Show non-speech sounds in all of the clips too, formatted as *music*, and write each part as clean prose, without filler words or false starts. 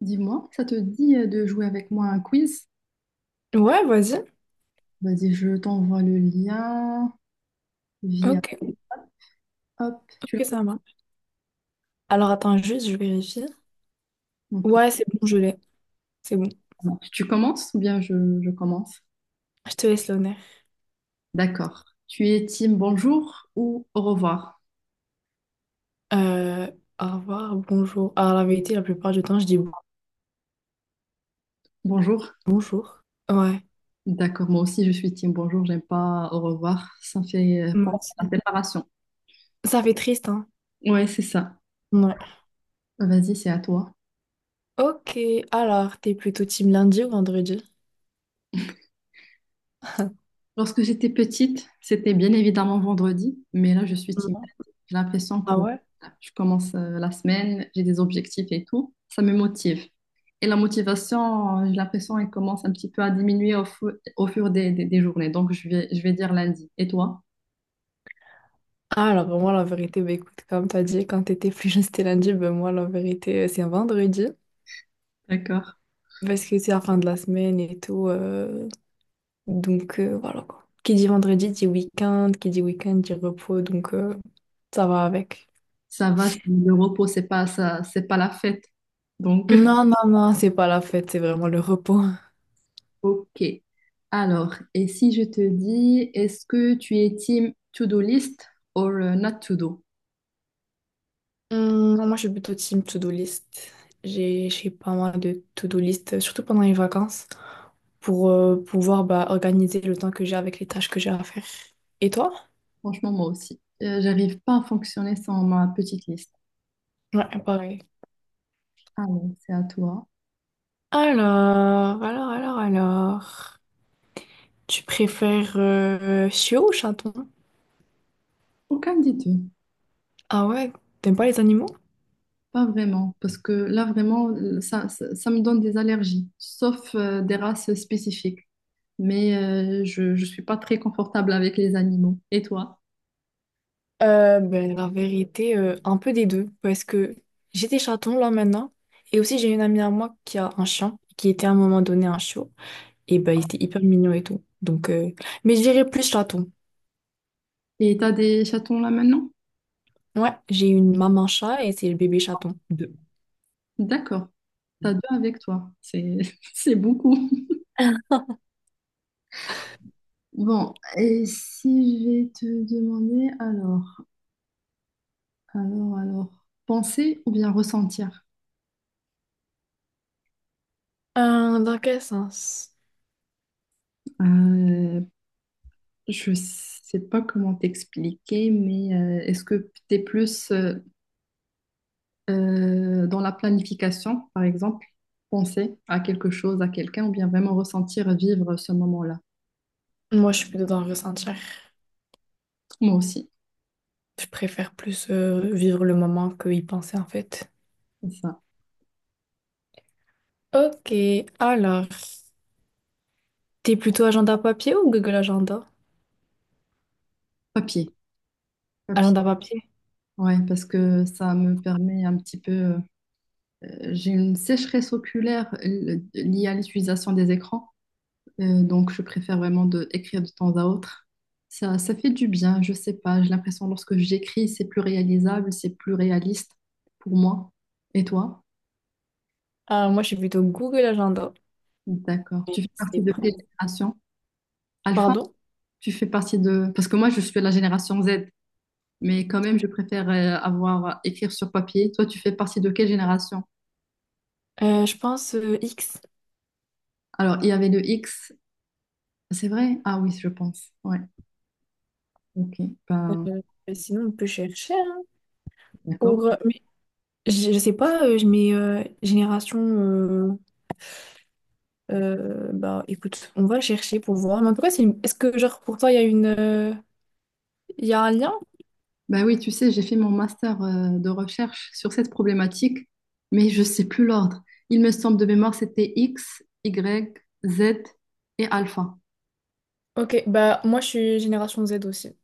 Dis-moi, ça te dit de jouer avec moi à un quiz? Ouais, vas-y. Vas-y, je t'envoie le lien via... Ok, Hop, tu ok, ça marche. Alors attends juste, je vérifie. l'as. Ok, Ouais, c'est bon, je l'ai. C'est bon. ça Tu commences ou bien je commence? Je te laisse l'honneur. D'accord. Tu es team bonjour ou au revoir? Euh, Au revoir, bonjour. Alors la vérité, la plupart du temps, je dis Bonjour. bonjour. Ouais, D'accord, moi aussi je suis team bonjour, j'aime pas au revoir. Ça me fait moi penser à la aussi. séparation. Ça fait triste, hein? Ouais, c'est ça. Ouais. Vas-y, c'est à toi. Ok, alors, t'es plutôt team lundi ou vendredi? Lorsque j'étais petite, c'était bien évidemment vendredi, mais là je suis team. Non. J'ai l'impression que Ah ouais? je commence la semaine, j'ai des objectifs et tout. Ça me motive. Et la motivation, j'ai l'impression qu'elle commence un petit peu à diminuer au fur des journées. Donc, je vais dire lundi. Et toi? Ah, alors moi, la vérité, bah écoute, comme t'as dit, quand t'étais plus jeune, c'était lundi, ben moi, la vérité, c'est vendredi. D'accord. Parce que c'est la fin de la semaine et tout. Donc voilà quoi. Qui dit vendredi dit week-end, qui dit week-end dit repos, donc ça va avec. Ça va, le repos, c'est pas ça, c'est pas la fête. Donc, Non, non, non, c'est pas la fête, c'est vraiment le repos. *laughs* ok. Alors, et si je te dis, est-ce que tu es team to-do list ou not to-do? Moi, je suis plutôt team to-do list. J'ai pas mal de to-do list, surtout pendant les vacances, pour pouvoir bah, organiser le temps que j'ai avec les tâches que j'ai à faire. Et toi? Franchement, moi aussi. J'arrive pas à fonctionner sans ma petite liste. Ouais, pareil. Alors, c'est à toi. Alors, alors. Tu préfères chiot ou chaton? Aucun des deux, Ah ouais, t'aimes pas les animaux? pas vraiment, parce que là vraiment, ça me donne des allergies, sauf des races spécifiques. Mais je suis pas très confortable avec les animaux. Et toi? Ben, la vérité, un peu des deux, parce que j'ai des chatons là maintenant, et aussi j'ai une amie à moi qui a un chien, qui était à un moment donné un chiot, et ben il était hyper mignon et tout. Donc, mais je dirais plus chaton. Et t'as des chatons là maintenant? Ouais, j'ai une maman chat et c'est le bébé chaton. Deux. D'accord, t'as deux avec toi. C'est, *laughs* c'est beaucoup. Bon, et si je vais te demander, alors, penser ou bien ressentir? Dans quel sens? Euh, je sais pas comment t'expliquer, mais est-ce que t'es plus, dans la planification, par exemple, penser à quelque chose, à quelqu'un, ou bien vraiment ressentir, vivre ce moment-là. Moi, je suis plutôt dans le ressentir. Moi aussi, Je préfère plus vivre le moment que y penser en fait. c'est ça. Ok, alors, t'es plutôt agenda papier ou Google Agenda? Papier, papier. Agenda papier. Ouais, parce que ça me permet un petit peu. J'ai une sécheresse oculaire liée à l'utilisation des écrans, donc je préfère vraiment de écrire de temps à autre. Ça fait du bien, je sais pas. J'ai l'impression lorsque j'écris, c'est plus réalisable, c'est plus réaliste pour moi. Et toi? Ah, moi, je suis plutôt Google Agenda. D'accord. Tu fais C'est partie de quelle vrai. génération? Pardon? Tu fais partie de... Parce que moi, je suis de la génération Z, mais quand même, je préfère avoir écrire sur papier. Toi, tu fais partie de quelle génération? Je pense X. Alors, il y avait le X, c'est vrai? Ah oui, je pense. Ouais, ok. Ben, Euh, Sinon, on peut chercher, hein, d'accord. pour... Mais je sais pas, je mets génération. Bah écoute, on va chercher pour voir. Mais en tout cas, est-ce que genre pour toi, il y a il y a un lien? Ben oui, tu sais, j'ai fait mon master de recherche sur cette problématique, mais je sais plus l'ordre. Il me semble de mémoire, c'était X, Y, Z et alpha. Ok, bah moi je suis génération Z aussi.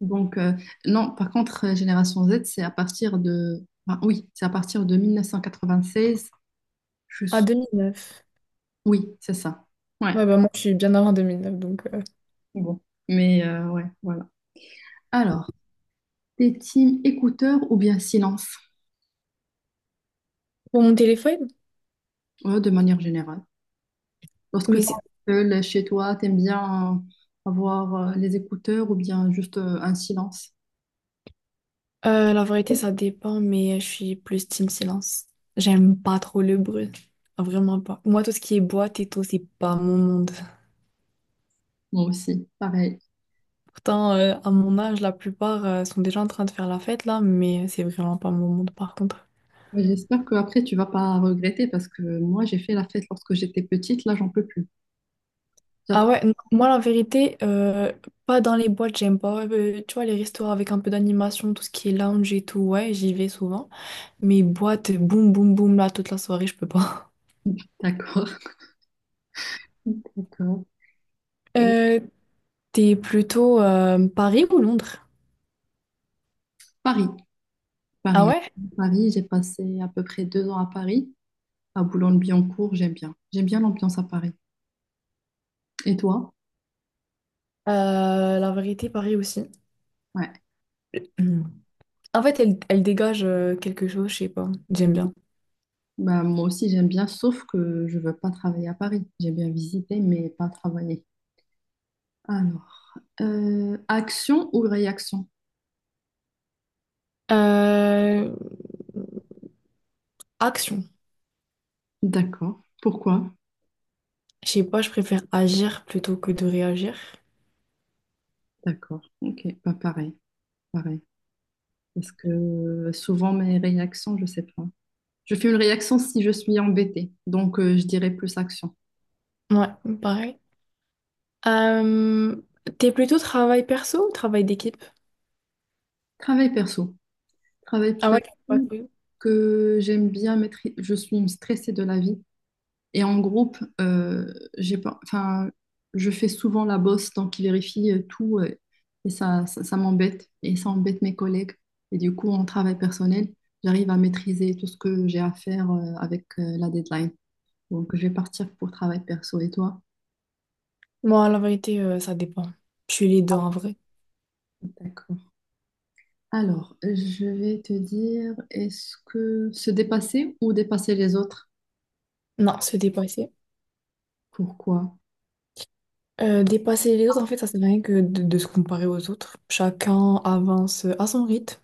Donc, non, par contre, génération Z, c'est à partir de... ben oui, c'est à partir de 1996 je Ah, 2009. Oui, c'est ça. Ouais. Ouais, bah moi je suis bien avant 2009 donc. Bon. Mais ouais, voilà. Alors, t'es team écouteur ou bien silence, Pour mon téléphone? ouais, de manière générale. Lorsque Mais tu c'est es seul chez toi, t'aimes bien avoir les écouteurs ou bien juste un silence. La vérité, ça dépend, mais je suis plus team silence. J'aime pas trop le bruit. Vraiment pas. Moi, tout ce qui est boîte et tout, c'est pas mon monde. Moi aussi, pareil. Pourtant, à mon âge, la plupart sont déjà en train de faire la fête là, mais c'est vraiment pas mon monde par contre. Mais j'espère que après tu vas pas regretter parce que moi j'ai fait la fête lorsque j'étais petite, là j'en peux plus. Ah J'apprends. ouais, non, moi, la vérité, pas dans les boîtes, j'aime pas. Tu vois, les restaurants avec un peu d'animation, tout ce qui est lounge et tout, ouais, j'y vais souvent. Mais boîte, boum, boum, boum, là, toute la soirée, je peux pas. *laughs* D'accord. *laughs* D'accord. Et Euh, T'es plutôt Paris ou Londres? Paris, Ah Paris, ouais? Paris. J'ai passé à peu près deux ans à Paris. À Boulogne-Billancourt, j'aime bien. J'aime bien l'ambiance à Paris. Et toi? La vérité, pareil aussi. Ouais. Mm. En fait, elle, elle dégage quelque chose, je sais pas. J'aime bien. Bah, moi aussi, j'aime bien, sauf que je veux pas travailler à Paris. J'aime bien visiter, mais pas travailler. Alors, action ou réaction? Euh, Action. D'accord. Pourquoi? Je sais pas, je préfère agir plutôt que de réagir. D'accord. Ok. Pas pareil. Pareil. Parce que souvent, mes réactions, je sais pas. Je fais une réaction si je suis embêtée. Donc, je dirais plus action. Ouais, pareil. Euh, T'es plutôt travail perso ou travail d'équipe? Travail perso. Travail Ah ouais, t'aimes pas perso trop. que j'aime bien maîtriser. Je suis une stressée de la vie. Et en groupe, j'ai pas, enfin, je fais souvent la bosse, donc ils vérifient tout et ça m'embête et ça embête mes collègues. Et du coup, en travail personnel, j'arrive à maîtriser tout ce que j'ai à faire avec la deadline. Donc, je vais partir pour travail perso. Et toi? Moi, la vérité, ça dépend. Je suis les deux en vrai. D'accord. Alors, je vais te dire, est-ce que se dépasser ou dépasser les autres? Non, se dépasser. Pourquoi? Dépasser les autres, en fait, ça sert à rien que de se comparer aux autres. Chacun avance à son rythme.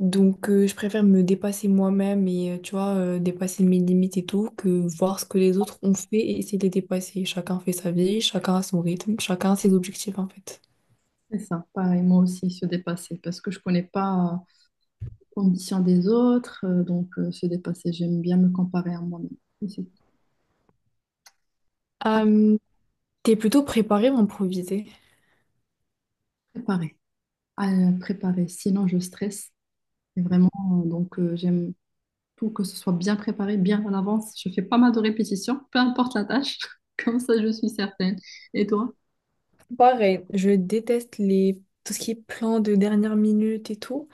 Donc, je préfère me dépasser moi-même et, tu vois, dépasser mes limites et tout, que voir ce que les autres ont fait et essayer de les dépasser. Chacun fait sa vie, chacun a son rythme, chacun a ses objectifs, en fait. C'est ça, pareil, moi aussi, se dépasser, parce que je connais pas. Ambition des autres. Donc, se dépasser, j'aime bien me comparer à moi-même. Mais c'est Euh, T'es plutôt préparé ou improvisé? préparer, à préparer. Sinon, je stresse. Et vraiment, donc, j'aime tout que ce soit bien préparé, bien à l'avance. Je fais pas mal de répétitions, peu importe la tâche. *laughs* Comme ça, je suis certaine. Et toi? Pareil, je déteste les... tout ce qui est plan de dernière minute et tout.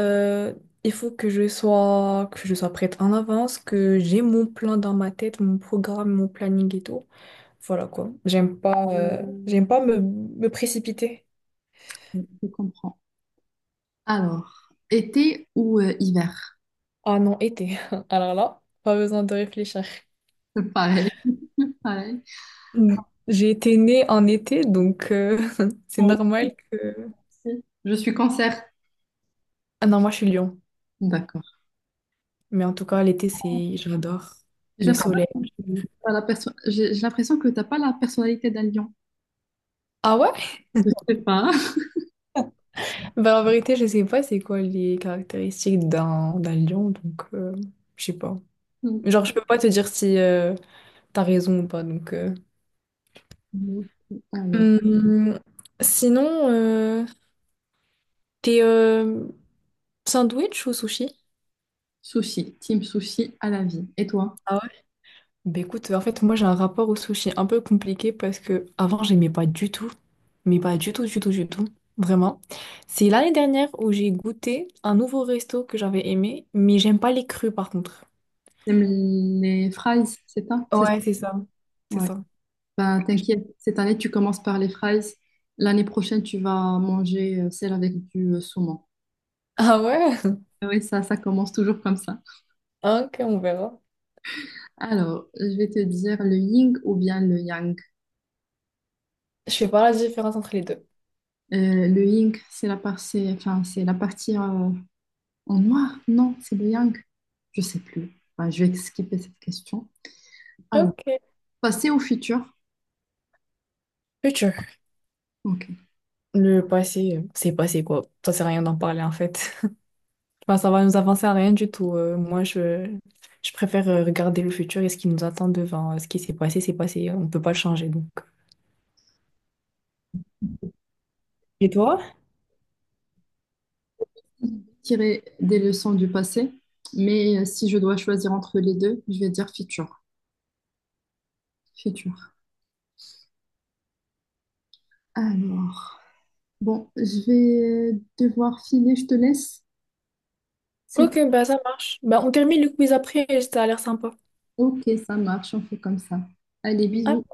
Euh, il faut que je sois prête en avance, que j'ai mon plan dans ma tête, mon programme, mon planning et tout. Voilà quoi. J'aime pas me précipiter. Je comprends. Alors, été ou hiver? Ah non, été. *laughs* Alors là, pas besoin de réfléchir. *laughs* Pareil, pareil. Mm. J'ai été née en été, donc *laughs* c'est normal que... Ouais. Je suis cancer. Ah non, moi je suis Lyon. D'accord. Mais en tout cas, l'été, c'est... J'adore J'ai le soleil. l'impression j'ai l'impression que t'as pas la personnalité d'un lion. Ah ouais? Je sais pas. Bah en vérité, je sais pas c'est quoi les caractéristiques d'un lion, donc je sais pas. *laughs* Genre, je peux pas te dire si t'as raison ou pas, donc... Mhm. Alors, Hum, sinon, t'es... sandwich ou sushi? sushi, team sushi à la vie. Et toi, Ah ouais? Bah écoute, en fait, moi j'ai un rapport au sushi un peu compliqué parce que avant j'aimais pas du tout, mais pas du tout, du tout, du tout, vraiment. C'est l'année dernière où j'ai goûté un nouveau resto que j'avais aimé, mais j'aime pas les crus par contre. t'aimes les fries, c'est ça? C'est ça. Ouais, c'est ça. C'est Ouais. ça. Bah, t'inquiète, cette année, tu commences par les fries. L'année prochaine, tu vas manger celle avec du saumon. Ah ouais? Ah oui, ça commence toujours comme ça. Ah, ok, on verra. Alors, je vais te dire le yin ou bien le yang. Je fais pas la différence entre les deux. Le yin, c'est la partie, enfin, c'est la partie en noir. Non, c'est le yang. Je sais plus. Enfin, je vais skipper cette question. Alors, Ok. passer au futur. Future. Ok. Le passé, c'est passé quoi. Ça sert à rien d'en parler en fait. Enfin, ça va nous avancer à rien du tout. Je préfère regarder le futur et ce qui nous attend devant. Ce qui s'est passé, c'est passé. On peut pas le changer, donc. Et toi? Tirer des leçons du passé, mais si je dois choisir entre les deux, je vais dire futur. Futur. Alors, bon, je vais devoir filer, je te laisse. C'est Ok, bah ça marche. Bah on termine le quiz après, ça a l'air sympa. ok, ça marche, on fait comme ça. Allez, bisous.